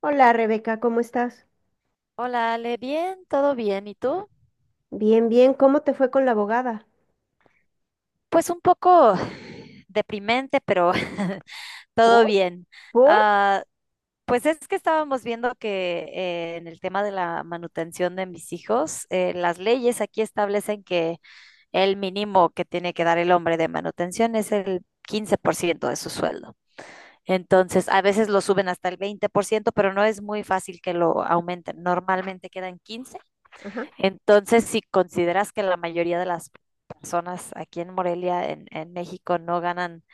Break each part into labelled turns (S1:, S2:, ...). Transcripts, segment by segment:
S1: Hola Rebeca, ¿cómo estás?
S2: Hola, Ale, bien, todo bien. ¿Y tú?
S1: Bien, bien, ¿cómo te fue con la abogada?
S2: Pues un poco deprimente, pero todo
S1: ¿Por?
S2: bien.
S1: ¿Por?
S2: Ah, pues es que estábamos viendo que en el tema de la manutención de mis hijos, las leyes aquí establecen que el mínimo que tiene que dar el hombre de manutención es el 15% de su sueldo. Entonces, a veces lo suben hasta el 20%, pero no es muy fácil que lo aumenten. Normalmente quedan 15.
S1: Ajá,
S2: Entonces, si consideras que la mayoría de las personas aquí en Morelia, en México, no ganan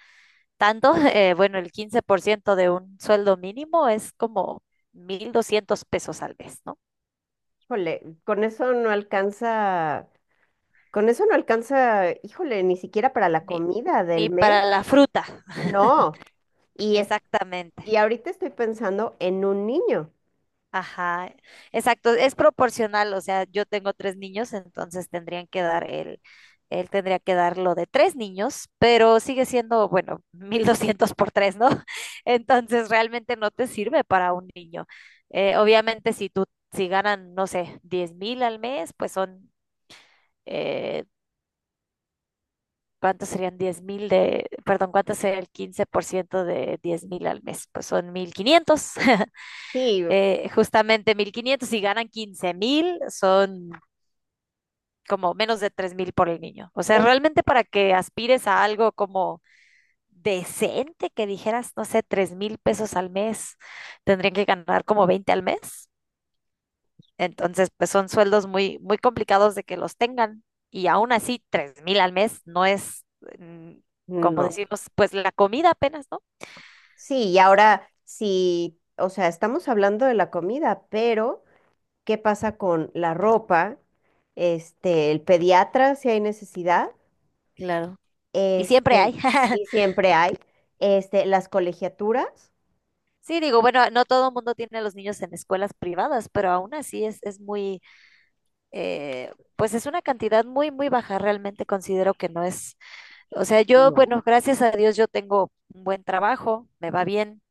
S2: tanto, bueno, el 15% de un sueldo mínimo es como 1,200 pesos al mes, ¿no?
S1: híjole, con eso no alcanza, con eso no alcanza, híjole, ni siquiera para la
S2: Ni,
S1: comida del
S2: ni
S1: mes.
S2: para la fruta,
S1: No, y, es-
S2: exactamente.
S1: y ahorita estoy pensando en un niño.
S2: Ajá, exacto, es proporcional, o sea, yo tengo tres niños, entonces tendrían que dar él tendría que dar lo de tres niños, pero sigue siendo, bueno, 1,200 por tres, ¿no? Entonces realmente no te sirve para un niño. Obviamente si ganan, no sé, 10,000 al mes, pues son, eh, ¿cuántos serían 10,000 de, perdón, cuánto sería el 15% de 10,000 al mes? Pues son 1,500.
S1: Sí,
S2: Justamente 1,500 y ganan 15,000 son como menos de 3,000 por el niño. O sea,
S1: es,
S2: realmente para que aspires a algo como decente, que dijeras, no sé, 3,000 pesos al mes, tendrían que ganar como 20 al mes. Entonces, pues son sueldos muy, muy complicados de que los tengan. Y aún así, 3,000 al mes no es, mm, como
S1: no,
S2: decimos, pues la comida apenas, ¿no?
S1: sí, y ahora sí, o sea, estamos hablando de la comida, pero ¿qué pasa con la ropa? Este, el pediatra, si hay necesidad.
S2: Claro. Y siempre
S1: Este,
S2: hay.
S1: y siempre hay, este, las colegiaturas.
S2: Sí, digo, bueno, no todo el mundo tiene a los niños en escuelas privadas, pero aún así es muy, pues es una cantidad muy, muy baja. Realmente considero que no es, o sea, yo,
S1: No.
S2: bueno, gracias a Dios yo tengo un buen trabajo, me va bien,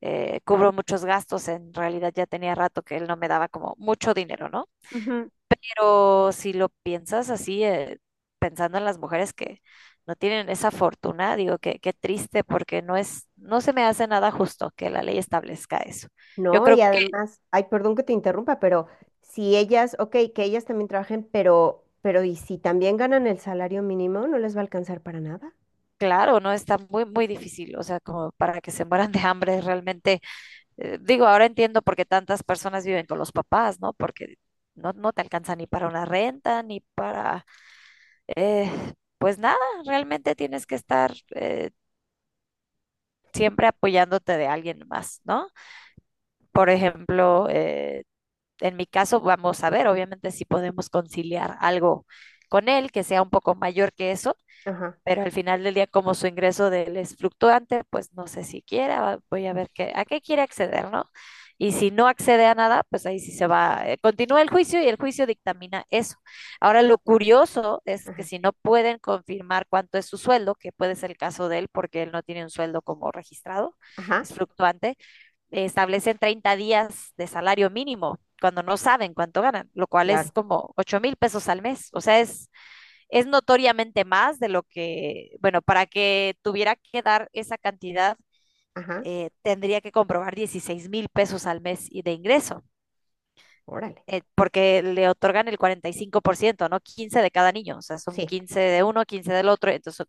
S2: cubro muchos gastos. En realidad ya tenía rato que él no me daba como mucho dinero, ¿no?
S1: Ujú.
S2: Pero si lo piensas así, pensando en las mujeres que no tienen esa fortuna, digo que qué triste porque no es, no se me hace nada justo que la ley establezca eso. Yo
S1: No, y
S2: creo.
S1: además, ay, perdón que te interrumpa, pero si ellas, ok, que ellas también trabajen, pero ¿y si también ganan el salario mínimo, no les va a alcanzar para nada?
S2: Claro, no está muy, muy difícil, o sea, como para que se mueran de hambre realmente. Digo, ahora entiendo por qué tantas personas viven con los papás, ¿no? Porque no te alcanza ni para una renta, ni para, eh, pues nada, realmente tienes que estar siempre apoyándote de alguien más, ¿no? Por ejemplo, en mi caso, vamos a ver, obviamente, si podemos conciliar algo con él que sea un poco mayor que eso.
S1: Ajá,
S2: Pero al final del día, como su ingreso de él es fluctuante, pues no sé si quiera, voy a ver qué, a qué quiere acceder, ¿no? Y si no accede a nada, pues ahí sí se va, continúa el juicio y el juicio dictamina eso. Ahora, lo curioso es que
S1: ajá,
S2: si no pueden confirmar cuánto es su sueldo, que puede ser el caso de él porque él no tiene un sueldo como registrado,
S1: ajá,
S2: es fluctuante, establecen 30 días de salario mínimo cuando no saben cuánto ganan, lo cual es
S1: claro,
S2: como 8,000 pesos al mes, o sea, es notoriamente más de lo que, bueno, para que tuviera que dar esa cantidad,
S1: ajá,
S2: tendría que comprobar 16,000 pesos al mes y de ingreso,
S1: órale.
S2: porque le otorgan el 45%, ¿no? 15 de cada niño, o sea, son
S1: Sí,
S2: 15 de uno, 15 del otro. Entonces,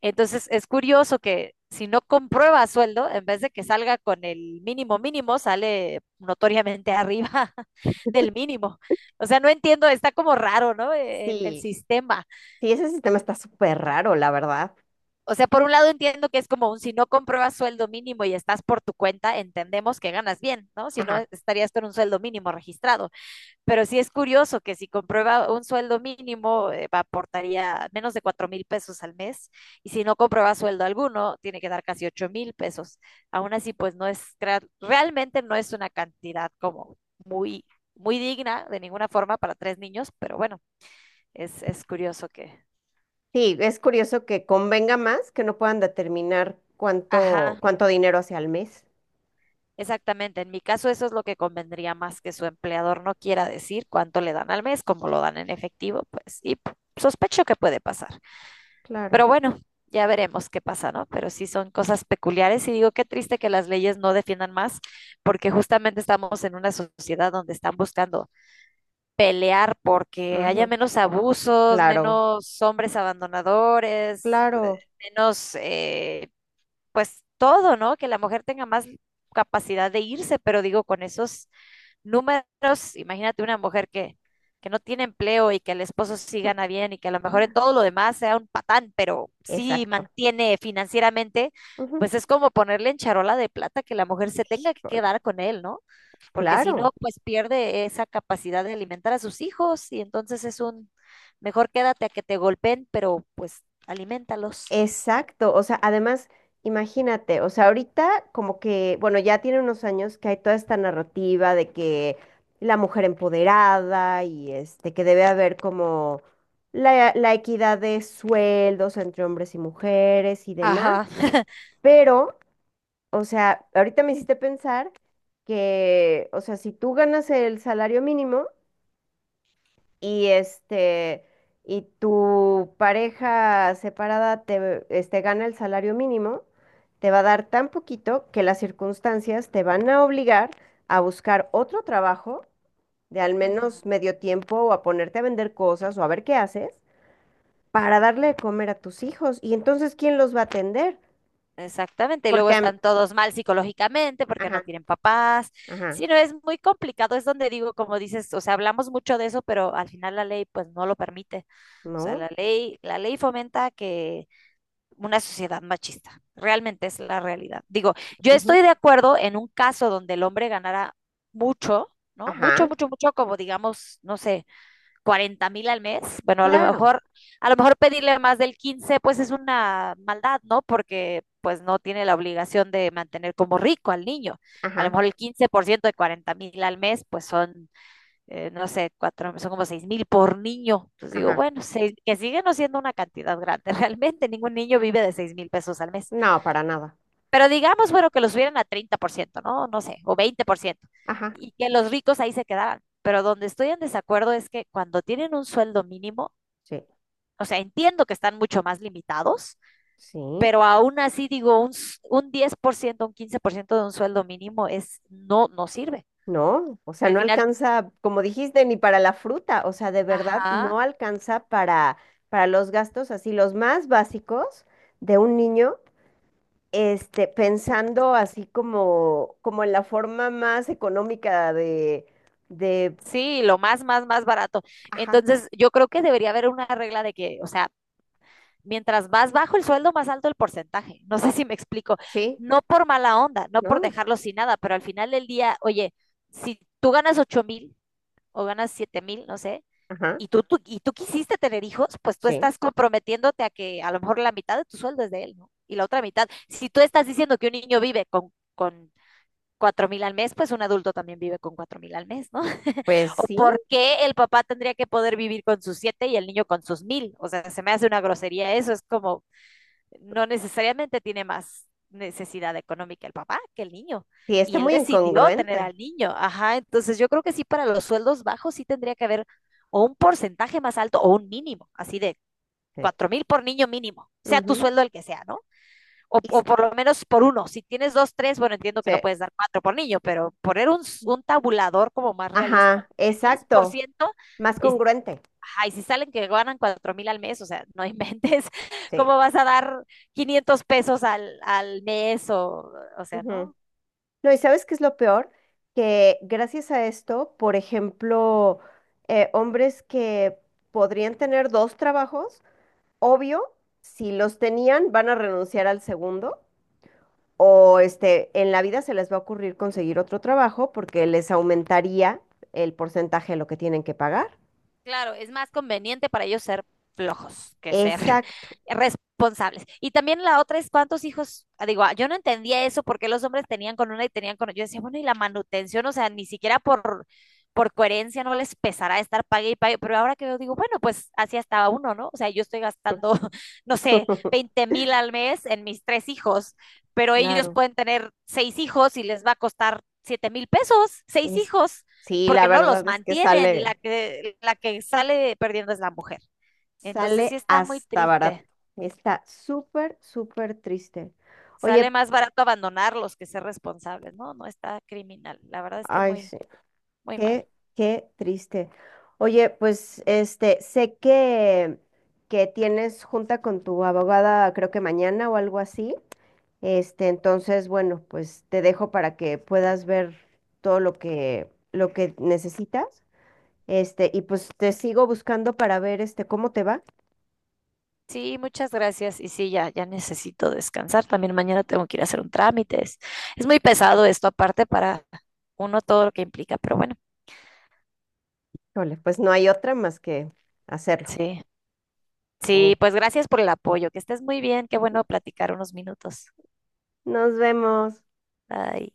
S2: entonces es curioso que si no comprueba sueldo, en vez de que salga con el mínimo mínimo, sale notoriamente arriba del mínimo. O sea, no entiendo, está como raro, ¿no? El
S1: sí,
S2: sistema.
S1: sí, ese sistema está súper raro, la verdad.
S2: O sea, por un lado entiendo que es como un si no compruebas sueldo mínimo y estás por tu cuenta, entendemos que ganas bien, ¿no? Si no,
S1: Ajá.
S2: estarías con un sueldo mínimo registrado. Pero sí es curioso que si comprueba un sueldo mínimo, aportaría menos de 4,000 pesos al mes. Y si no comprueba sueldo alguno, tiene que dar casi 8,000 pesos. Aún así, pues no es, realmente no es una cantidad como muy, muy digna de ninguna forma para tres niños, pero bueno, es curioso que.
S1: Sí, es curioso que convenga más que no puedan determinar cuánto,
S2: Ajá.
S1: cuánto dinero hacia al mes.
S2: Exactamente, en mi caso eso es lo que convendría más que su empleador no quiera decir cuánto le dan al mes, como lo dan en efectivo, pues, y sospecho que puede pasar.
S1: Claro.
S2: Pero bueno, ya veremos qué pasa, ¿no? Pero sí son cosas peculiares y digo, qué triste que las leyes no defiendan más, porque justamente estamos en una sociedad donde están buscando pelear porque haya
S1: Ujú,
S2: menos abusos,
S1: claro,
S2: menos hombres abandonadores,
S1: claro,
S2: menos pues todo, ¿no? Que la mujer tenga más capacidad de irse, pero digo, con esos números, imagínate una mujer que no tiene empleo y que el esposo sí gana bien y que a lo mejor en todo lo demás sea un patán, pero sí
S1: exacto.
S2: mantiene financieramente,
S1: Ujú,
S2: pues es como ponerle en charola de plata que la mujer se tenga que
S1: híjole,
S2: quedar con él, ¿no? Porque si no,
S1: claro,
S2: pues pierde esa capacidad de alimentar a sus hijos y entonces es mejor quédate a que te golpeen, pero pues alimentalos.
S1: exacto. O sea, además, imagínate, o sea, ahorita como que, bueno, ya tiene unos años que hay toda esta narrativa de que la mujer empoderada y este, que debe haber como la equidad de sueldos entre hombres y mujeres y demás.
S2: Ajá.
S1: Pero, o sea, ahorita me hiciste pensar que, o sea, si tú ganas el salario mínimo y este y tu pareja separada te este, gana el salario mínimo, te va a dar tan poquito que las circunstancias te van a obligar a buscar otro trabajo de al
S2: Ujú.
S1: menos medio tiempo o a ponerte a vender cosas o a ver qué haces para darle de comer a tus hijos. Y entonces, ¿quién los va a atender?
S2: Exactamente, y luego
S1: Porque, am-
S2: están todos mal psicológicamente porque no
S1: ajá,
S2: tienen papás.
S1: ajá,
S2: Sí, no, es muy complicado, es donde digo, como dices, o sea, hablamos mucho de eso, pero al final la ley pues no lo permite. O sea,
S1: no,
S2: la ley fomenta que una sociedad machista, realmente es la realidad. Digo, yo estoy
S1: ujú,
S2: de acuerdo en un caso donde el hombre ganara mucho, ¿no? Mucho,
S1: ajá,
S2: mucho, mucho, como digamos, no sé, 40,000 al mes, bueno,
S1: claro,
S2: a lo mejor pedirle más del 15 pues es una maldad, ¿no? Porque pues no tiene la obligación de mantener como rico al niño. A lo
S1: ajá,
S2: mejor el 15% de 40,000 al mes, pues son, no sé, cuatro, son como 6,000 por niño. Entonces digo,
S1: ajá,
S2: bueno, seis, que sigue no siendo una cantidad grande. Realmente ningún niño vive de 6,000 pesos al mes.
S1: no, para nada,
S2: Pero digamos, bueno, que los subieran a 30%, ¿no? No sé, o 20%,
S1: ajá,
S2: y que los ricos ahí se quedaran. Pero donde estoy en desacuerdo es que cuando tienen un sueldo mínimo,
S1: sí,
S2: o sea, entiendo que están mucho más limitados,
S1: sí.
S2: pero aún así digo, un 10%, un 15% de un sueldo mínimo es, no, no sirve.
S1: No, o sea,
S2: Al
S1: no
S2: final,
S1: alcanza, como dijiste, ni para la fruta, o sea, de verdad
S2: ajá,
S1: no alcanza para los gastos así, los más básicos de un niño, este, pensando así como, como en la forma más económica de,
S2: sí, lo más, más, más barato.
S1: ajá,
S2: Entonces, yo creo que debería haber una regla de que, o sea, mientras más bajo el sueldo, más alto el porcentaje. No sé si me explico.
S1: sí,
S2: No por mala onda, no
S1: ¿no?
S2: por dejarlo sin nada, pero al final del día, oye, si tú ganas 8,000 o ganas 7,000, no sé,
S1: Ajá,
S2: y tú quisiste tener hijos, pues tú
S1: sí.
S2: estás comprometiéndote a que a lo mejor la mitad de tu sueldo es de él, ¿no? Y la otra mitad. Si tú estás diciendo que un niño vive con 4,000 al mes, pues un adulto también vive con 4,000 al mes, ¿no?
S1: Pues
S2: ¿O
S1: sí,
S2: por qué el papá tendría que poder vivir con sus siete y el niño con sus mil? O sea, se me hace una grosería eso, es como, no necesariamente tiene más necesidad económica el papá que el niño.
S1: sí,
S2: Y
S1: está
S2: él
S1: muy
S2: decidió tener al
S1: incongruente.
S2: niño. Ajá, entonces yo creo que sí, para los sueldos bajos sí tendría que haber o un porcentaje más alto o un mínimo, así de
S1: Sí.
S2: 4,000 por niño mínimo, sea tu
S1: Ujú.
S2: sueldo el que sea, ¿no?
S1: Y s-
S2: O por lo menos por uno. Si tienes dos, tres, bueno, entiendo que no
S1: sí.
S2: puedes dar cuatro por niño, pero poner un tabulador como más realista,
S1: Ajá,
S2: de
S1: exacto,
S2: 10%
S1: más
S2: y
S1: congruente,
S2: ay, si salen que ganan 4,000 al mes, o sea, no inventes
S1: sí.
S2: cómo vas a dar 500 pesos al mes o sea, no,
S1: No, ¿y sabes qué es lo peor? Que gracias a esto, por ejemplo, hombres que podrían tener dos trabajos, obvio, si los tenían, van a renunciar al segundo, o este, en la vida se les va a ocurrir conseguir otro trabajo porque les aumentaría el porcentaje de lo que tienen que pagar.
S2: claro, es más conveniente para ellos ser flojos que ser
S1: Exacto.
S2: responsables. Y también la otra es cuántos hijos, ah, digo, ah, yo no entendía eso porque los hombres tenían con una y tenían con otra. Yo decía, bueno, y la manutención, o sea, ni siquiera por, coherencia no les pesará estar pague y pague, pero ahora que yo digo, bueno, pues así estaba uno, ¿no? O sea, yo estoy gastando, no sé, 20,000 al mes en mis tres hijos, pero ellos
S1: Claro.
S2: pueden tener seis hijos y les va a costar 7,000 pesos, seis
S1: Es,
S2: hijos,
S1: sí, la
S2: porque no los
S1: verdad es que
S2: mantienen y
S1: sale,
S2: la que sale perdiendo es la mujer. Entonces
S1: sale
S2: sí está muy
S1: hasta barato.
S2: triste.
S1: Está súper triste. Oye,
S2: Sale más barato abandonarlos que ser responsables. No, no está criminal. La verdad es que
S1: ay,
S2: muy,
S1: sí.
S2: muy mal.
S1: Qué, qué triste. Oye, pues este, sé que tienes junta con tu abogada, creo que mañana o algo así. Este, entonces, bueno, pues te dejo para que puedas ver todo lo que necesitas. Este, y pues te sigo buscando para ver este cómo te va.
S2: Sí, muchas gracias. Y sí, ya, ya necesito descansar. También mañana tengo que ir a hacer un trámite. Es muy pesado esto, aparte para uno todo lo que implica, pero bueno,
S1: Híjole, pues no hay otra más que hacerlo.
S2: sí. Sí,
S1: Oh.
S2: pues gracias por el apoyo. Que estés muy bien. Qué bueno platicar unos minutos.
S1: Nos vemos.
S2: Bye.